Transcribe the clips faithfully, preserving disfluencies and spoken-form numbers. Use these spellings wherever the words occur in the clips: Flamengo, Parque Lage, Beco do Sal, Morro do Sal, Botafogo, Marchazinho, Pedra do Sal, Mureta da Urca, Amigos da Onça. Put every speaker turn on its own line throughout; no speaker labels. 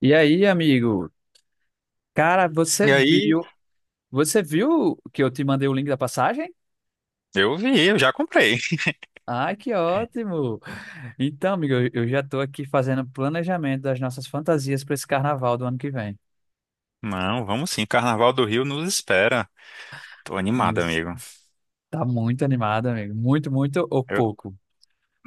E aí, amigo? Cara, você
E aí,
viu? Você viu que eu te mandei o link da passagem?
eu vi, eu já comprei.
Ai, que ótimo! Então, amigo, eu eu já tô aqui fazendo planejamento das nossas fantasias para esse carnaval do ano que vem.
Não, vamos sim, Carnaval do Rio nos espera. Tô animado,
Mas
amigo.
tá muito animado, amigo. Muito, muito ou
Eu
pouco?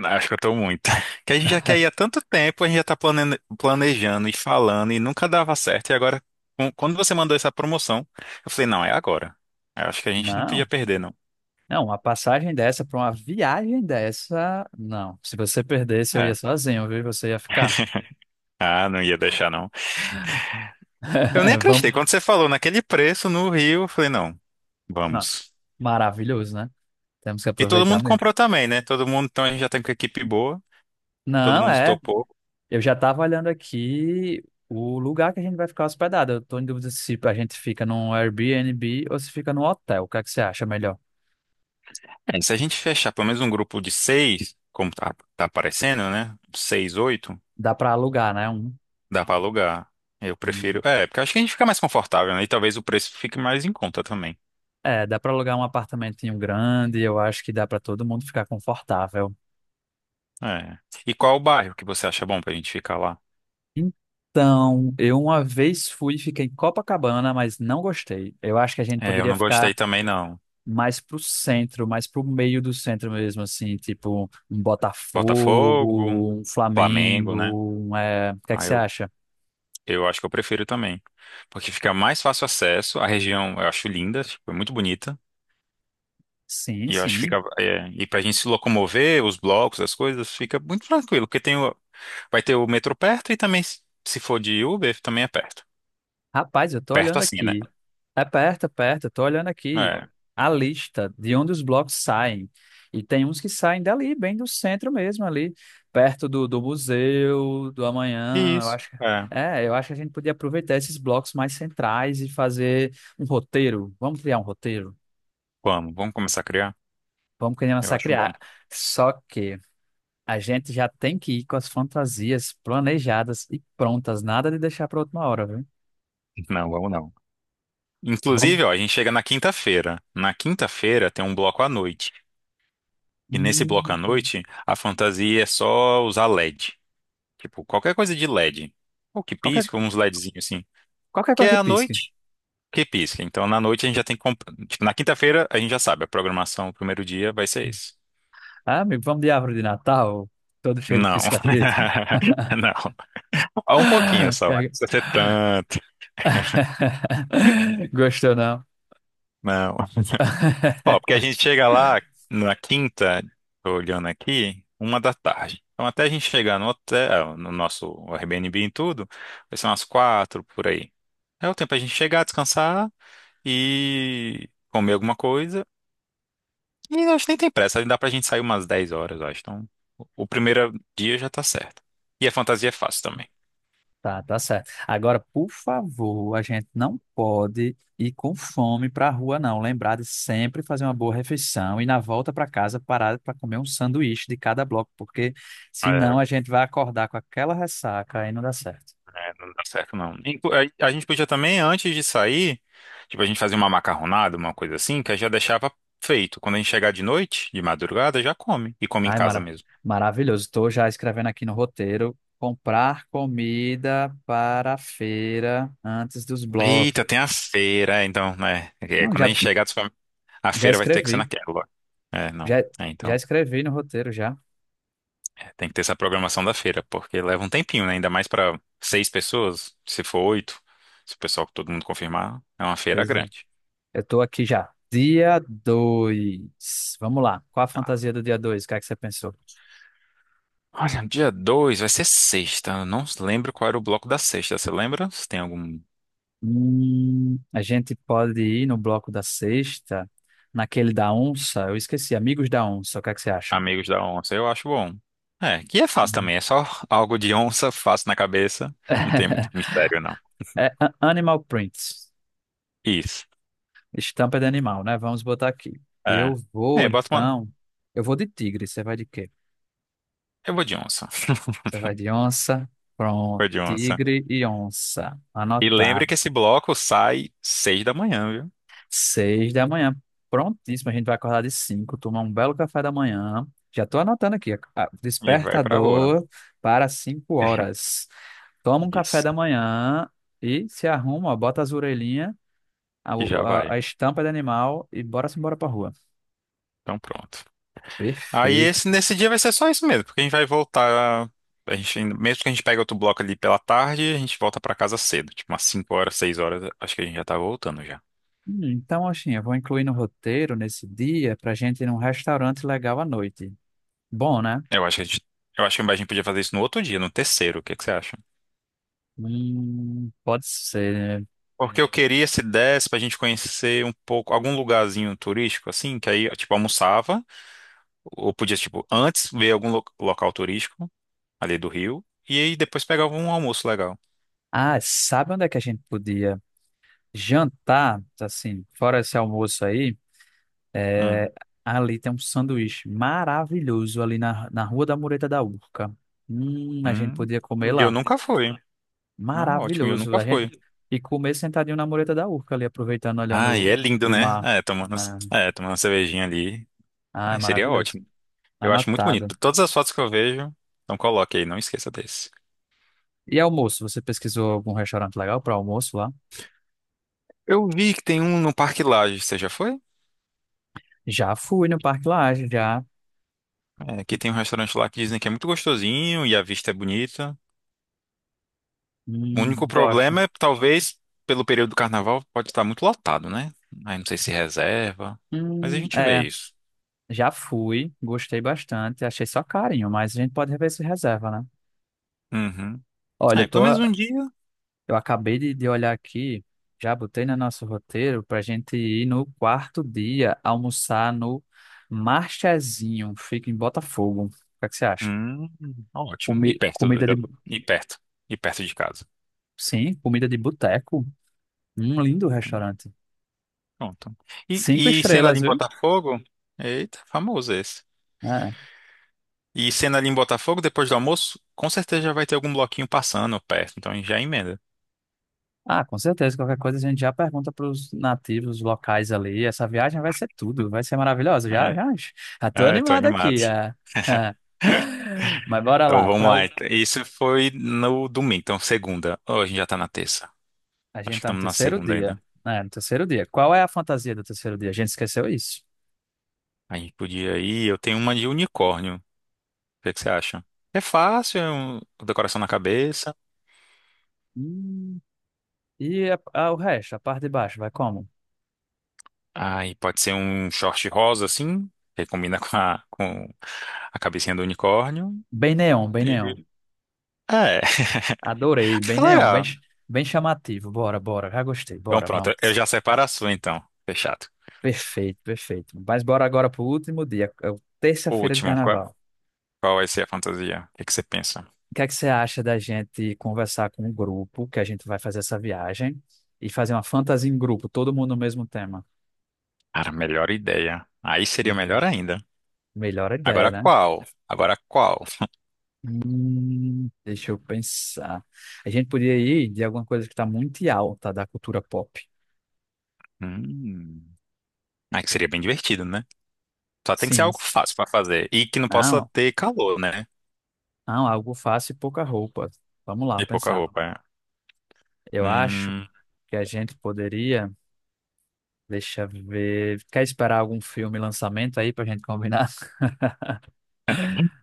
acho que eu tô muito. Que a gente já quer ir há tanto tempo, a gente já tá plane- planejando e falando e nunca dava certo. E agora, com- quando você mandou essa promoção, eu falei, não, é agora. Eu acho que a gente não podia
Não,
perder, não.
não, uma passagem dessa para uma viagem dessa, não. Se você perdesse, eu ia
É.
sozinho, viu? Você ia ficar.
Ah, não ia deixar, não. Eu nem
Vamos.
acreditei. Quando você falou naquele preço no Rio, eu falei, não,
Não,
vamos.
maravilhoso, né? Temos que
E todo
aproveitar
mundo
mesmo.
comprou também, né? Todo mundo, então a gente já tem com a equipe boa. Todo
Não,
mundo
é.
topou.
Eu já estava olhando aqui o lugar que a gente vai ficar hospedado. Eu tô em dúvida se a gente fica num Airbnb ou se fica num hotel. O que é que você acha melhor?
É, se a gente fechar pelo menos um grupo de seis, como tá, tá aparecendo, né? Seis, oito,
Dá para alugar, né? Um,
dá pra alugar. Eu prefiro.
um-
É, porque eu acho que a gente fica mais confortável, né? E talvez o preço fique mais em conta também.
É, dá para alugar um apartamentinho grande. Eu acho que dá para todo mundo ficar confortável.
É. E qual o bairro que você acha bom pra gente ficar lá?
Então, eu uma vez fui e fiquei em Copacabana, mas não gostei. Eu acho que a gente
É, eu
poderia
não
ficar
gostei também, não.
mais pro centro, mais pro meio do centro mesmo, assim, tipo um
Botafogo,
Botafogo, um
Flamengo, né?
Flamengo, um, é, o que é que
Ah,
você
eu,
acha?
eu acho que eu prefiro também. Porque fica mais fácil acesso. A região eu acho linda, tipo, é muito bonita.
Sim,
E eu acho que
sim.
fica. É, e pra gente se locomover, os blocos, as coisas, fica muito tranquilo. Porque tem o- Vai ter o metrô perto e também, se se for de Uber, também é perto.
Rapaz, eu tô
Perto
olhando
assim, né?
aqui. É perto, é perto, eu tô olhando aqui
É.
a lista de onde os blocos saem. E tem uns que saem dali, bem do centro mesmo, ali, perto do, do museu, do amanhã, eu
Isso.
acho que.
É.
É, eu acho que a gente podia aproveitar esses blocos mais centrais e fazer um roteiro. Vamos criar um roteiro?
Vamos, vamos começar a criar?
Vamos querer
Eu acho bom.
massacrar. Só que a gente já tem que ir com as fantasias planejadas e prontas, nada de deixar para última hora, viu?
Não, vamos não.
Vamos.
Inclusive, ó, a gente chega na quinta-feira. Na quinta-feira tem um bloco à noite. E nesse bloco à
Hum,
noite, a fantasia é só usar L E D. Tipo, qualquer coisa de L E D. Ou que
Qualquer,
pisca, uns LEDzinhos assim.
qualquer
Que
coisa
é
que
à
pisque.
noite que pisca. Então, na noite a gente já tem que comp... Tipo, na quinta-feira a gente já sabe, a programação, o primeiro dia vai ser esse.
Ah, amigo, vamos de árvore de Natal, todo cheio de
Não.
pisca-pisca.
Não. Ah, um pouquinho só, mas não precisa ser tanto.
Gostou, não?
Não. Ó, porque a gente chega lá na quinta, tô olhando aqui, uma da tarde. Então até a gente chegar no hotel, no nosso Airbnb e tudo, vai ser umas quatro por aí. É o tempo a gente chegar, descansar e comer alguma coisa. E eu acho que nem tem pressa, dá pra gente sair umas dez horas, eu acho. Então o o primeiro dia já tá certo. E a fantasia é fácil também.
Tá, tá certo. Agora, por favor, a gente não pode ir com fome para a rua, não. Lembrar de sempre fazer uma boa refeição e na volta para casa parar para comer um sanduíche de cada bloco, porque
É,
senão a gente vai acordar com aquela ressaca e não dá certo.
é, não dá certo, não. Inclu- A, a gente podia também, antes de sair, tipo, a gente fazer uma macarronada, uma coisa assim, que aí já deixava feito. Quando a gente chegar de noite, de madrugada, já come. E come em
Ai,
casa
mara
mesmo.
maravilhoso. Estou já escrevendo aqui no roteiro: comprar comida para a feira antes dos blocos.
Eita, tem a feira, é, então, né? É,
Não,
quando a
já,
gente chegar, tu fala, a
já
feira vai ter que ser
escrevi.
naquela. É, não.
Já,
É,
já
então,
escrevi no roteiro já.
é, tem que ter essa programação da feira, porque leva um tempinho, né? Ainda mais para seis pessoas, se for oito, se o pessoal, todo mundo confirmar, é uma feira
Pois é.
grande.
Eu tô aqui já. Dia dois. Vamos lá. Qual a fantasia do dia dois? O que é que você pensou?
Olha, dia dois vai ser sexta. Eu não lembro qual era o bloco da sexta. Você lembra? Se tem algum
Hum, a gente pode ir no bloco da sexta, naquele da onça. Eu esqueci, Amigos da Onça. O que é que você acha?
amigos da onça, eu acho bom. É, que é fácil
Hum.
também. É só algo de onça, fácil na cabeça. Não tem muito mistério, não.
É a- Animal Prints.
Isso.
Estampa de animal, né? Vamos botar aqui.
É.
Eu vou,
É, bota uma.
então. Eu vou de tigre. Você vai de quê?
Eu vou de onça.
Você vai de onça. Pronto.
Vou de onça.
Tigre e onça.
E
Anotar.
lembre que esse bloco sai seis da manhã, viu?
Seis da manhã. Prontíssimo, a gente vai acordar de cinco, tomar um belo café da manhã. Já estou anotando aqui, ah,
E vai pra rua.
despertador para cinco horas. Toma um café
Isso.
da manhã e se arruma, ó, bota as orelhinhas, a,
E já
a,
vai.
a estampa de animal e bora-se embora para rua.
Então pronto. Aí esse,
Perfeito.
nesse dia vai ser só isso mesmo, porque a gente vai voltar. A gente, ainda- mesmo que a gente pegue outro bloco ali pela tarde, a gente volta pra casa cedo, tipo umas cinco horas, seis horas, acho que a gente já tá voltando já.
Hum, Então, assim, eu vou incluir no roteiro nesse dia para gente ir num restaurante legal à noite. Bom, né?
Eu acho que a gente, eu acho que a gente podia fazer isso no outro dia, no terceiro, o que que você acha?
Hum, pode ser.
Porque eu queria, se desse, pra gente conhecer um pouco, algum lugarzinho turístico, assim, que aí, tipo, almoçava, ou podia, tipo, antes ver algum lo- local turístico ali do Rio, e aí depois pegava um almoço legal.
Ah, sabe onde é que a gente podia? Jantar, assim, fora esse almoço aí,
Hum,
é, ali tem um sanduíche maravilhoso ali na, na Rua da Mureta da Urca. Hum, a gente
hum.
podia comer
E eu
lá.
nunca fui. Ah, ótimo, e eu
Maravilhoso.
nunca
A gente
fui.
e comer sentadinho na Mureta da Urca ali, aproveitando,
Ah, e é
olhando
lindo,
o, o
né?
mar.
É, tomando,
Né?
é, tomando uma cervejinha ali.
Ah, é
Ai, seria
maravilhoso.
ótimo. Eu acho muito
Anotado.
bonito. Todas as fotos que eu vejo, então coloque aí, não esqueça desse.
E almoço, você pesquisou algum restaurante legal para almoço lá?
Eu vi que tem um no Parque Lage, você já foi?
Já fui no Parque Lage, já.
É, que tem um restaurante lá que dizem que é muito gostosinho e a vista é bonita. O
Hum,
único
gosto.
problema é, talvez, pelo período do carnaval, pode estar muito lotado, né? Aí não sei se reserva, mas a
Hum,
gente
é.
vê isso.
Já fui, gostei bastante, achei só carinho, mas a gente pode rever se reserva, né?
Uhum.
Olha,
É,
eu tô,
pelo menos um dia.
eu acabei de, de olhar aqui, já botei no nosso roteiro pra gente ir no quarto dia almoçar no Marchazinho, fica em Botafogo. O que é que você acha?
Hum, ótimo. E
Comi-
perto do,
comida de, bu-
e perto. E perto de casa.
sim, comida de boteco, um lindo restaurante.
Pronto.
Cinco
E, e cena ali
estrelas,
em
viu?
Botafogo? Eita, famoso esse.
É.
E cena ali em Botafogo, depois do almoço, com certeza já vai ter algum bloquinho passando perto, então já emenda.
Ah, com certeza. Qualquer coisa a gente já pergunta para os nativos locais ali. Essa viagem vai ser tudo, vai ser maravilhosa. Já,
É,
já, já tô
é, tô
animado
animado.
aqui. É. Mas bora
Então
lá.
vamos
Pra...
lá.
o-
Então. Isso foi no domingo, então segunda. Hoje a gente já tá na terça.
A
Acho
gente
que
tá no
estamos na
terceiro
segunda
dia.
ainda.
É, no terceiro dia. Qual é a fantasia do terceiro dia? A gente esqueceu isso.
A gente podia ir. Eu tenho uma de unicórnio. O que é que você acha? É fácil, é um- decoração na cabeça.
Hum, E a- a- o resto, a parte de baixo, vai como?
Aí pode ser um short rosa assim, que combina com a, com a cabecinha do unicórnio.
Bem neon, bem neon.
E- É,
Adorei, bem
fica
neon, bem,
legal.
ch- bem chamativo. Bora, bora, já gostei.
Então
Bora,
pronto, eu
vamos.
já separo a sua então. Fechado.
Perfeito, perfeito. Mas bora agora pro último dia, é o
O
terça-feira de
último, qual,
carnaval.
qual vai ser a fantasia? O que que você pensa?
O que é que você acha da gente conversar com o grupo que a gente vai fazer essa viagem e fazer uma fantasia em grupo, todo mundo no mesmo tema?
Cara, melhor ideia. Aí seria
Hum,
melhor ainda.
melhor ideia,
Agora
né?
qual? Agora qual?
Hum, deixa eu pensar. A gente podia ir de alguma coisa que está muito alta da cultura pop.
Hum, aí que seria bem divertido, né? Só tem que ser
Sim.
algo fácil pra fazer e que não possa
Não,
ter calor, né?
não, algo fácil e pouca roupa. Vamos lá,
E pouca
pensar.
roupa. É.
Eu acho
Hum,
que a gente poderia. Deixa eu ver. Quer esperar algum filme lançamento aí pra gente combinar?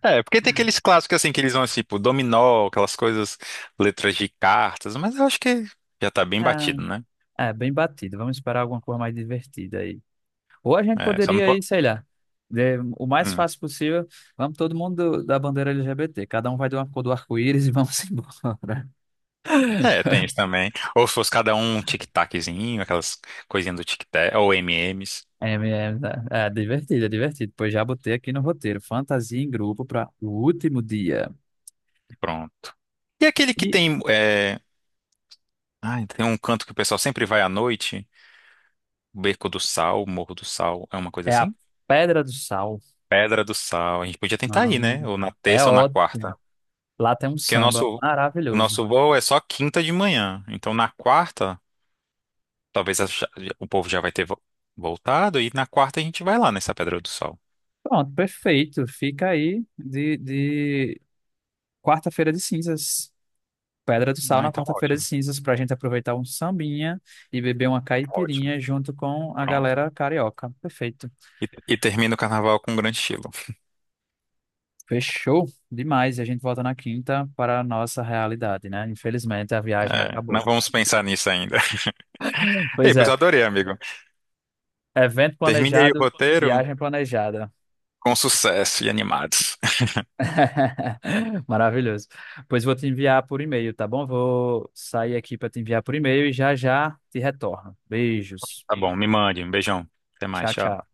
é, porque tem aqueles clássicos assim que eles vão assim, tipo dominó, aquelas coisas, letras de cartas, mas eu acho que já tá bem
Ah,
batido, né?
é, bem batido. Vamos esperar alguma coisa mais divertida aí. Ou a gente
É, só não
poderia ir,
pode.
sei lá, de- o mais fácil possível, vamos todo mundo do- da bandeira L G B T, cada um vai de uma cor do arco-íris e vamos embora.
É, tem isso também. Ou se fosse cada um um tic-taczinho, aquelas coisinhas do tic-tac, ou M e M's,
É, é, é, é divertido, é divertido. Pois já botei aqui no roteiro, fantasia em grupo para o último dia.
pronto. E aquele que
E
tem, é... Ai, tem um canto que o pessoal sempre vai à noite, Beco do Sal, Morro do Sal, é uma coisa
é a
assim?
Pedra do Sal.
Pedra do Sal, a gente podia tentar ir,
Não,
né? Ou na
é
terça ou na
ótimo.
quarta.
Lá tem um
Porque o
samba
nosso, o
maravilhoso.
nosso voo é só quinta de manhã, então na quarta, talvez a- o povo já vai ter vo- voltado, e na quarta a gente vai lá nessa Pedra do Sal.
Pronto, perfeito. Fica aí de, de quarta-feira de cinzas. Pedra do Sal
Ah,
na
então
quarta-feira de
ótimo,
cinzas pra gente aproveitar um sambinha e beber uma
ótimo,
caipirinha junto com a
pronto.
galera carioca. Perfeito.
E, e termina o carnaval com um grande estilo.
Fechou demais. E a gente volta na quinta para a nossa realidade, né? Infelizmente a viagem
É, não
acabou.
vamos pensar nisso ainda. Ei,
Pois
pois
é,
adorei, amigo.
evento
Termine aí o
planejado,
roteiro
viagem planejada.
com sucesso e animados.
Maravilhoso. Pois vou te enviar por e-mail, tá bom? Vou sair aqui para te enviar por e-mail e já já te retorno. Beijos.
Tá bom, me mande. Um beijão. Até mais,
Tchau,
tchau.
tchau.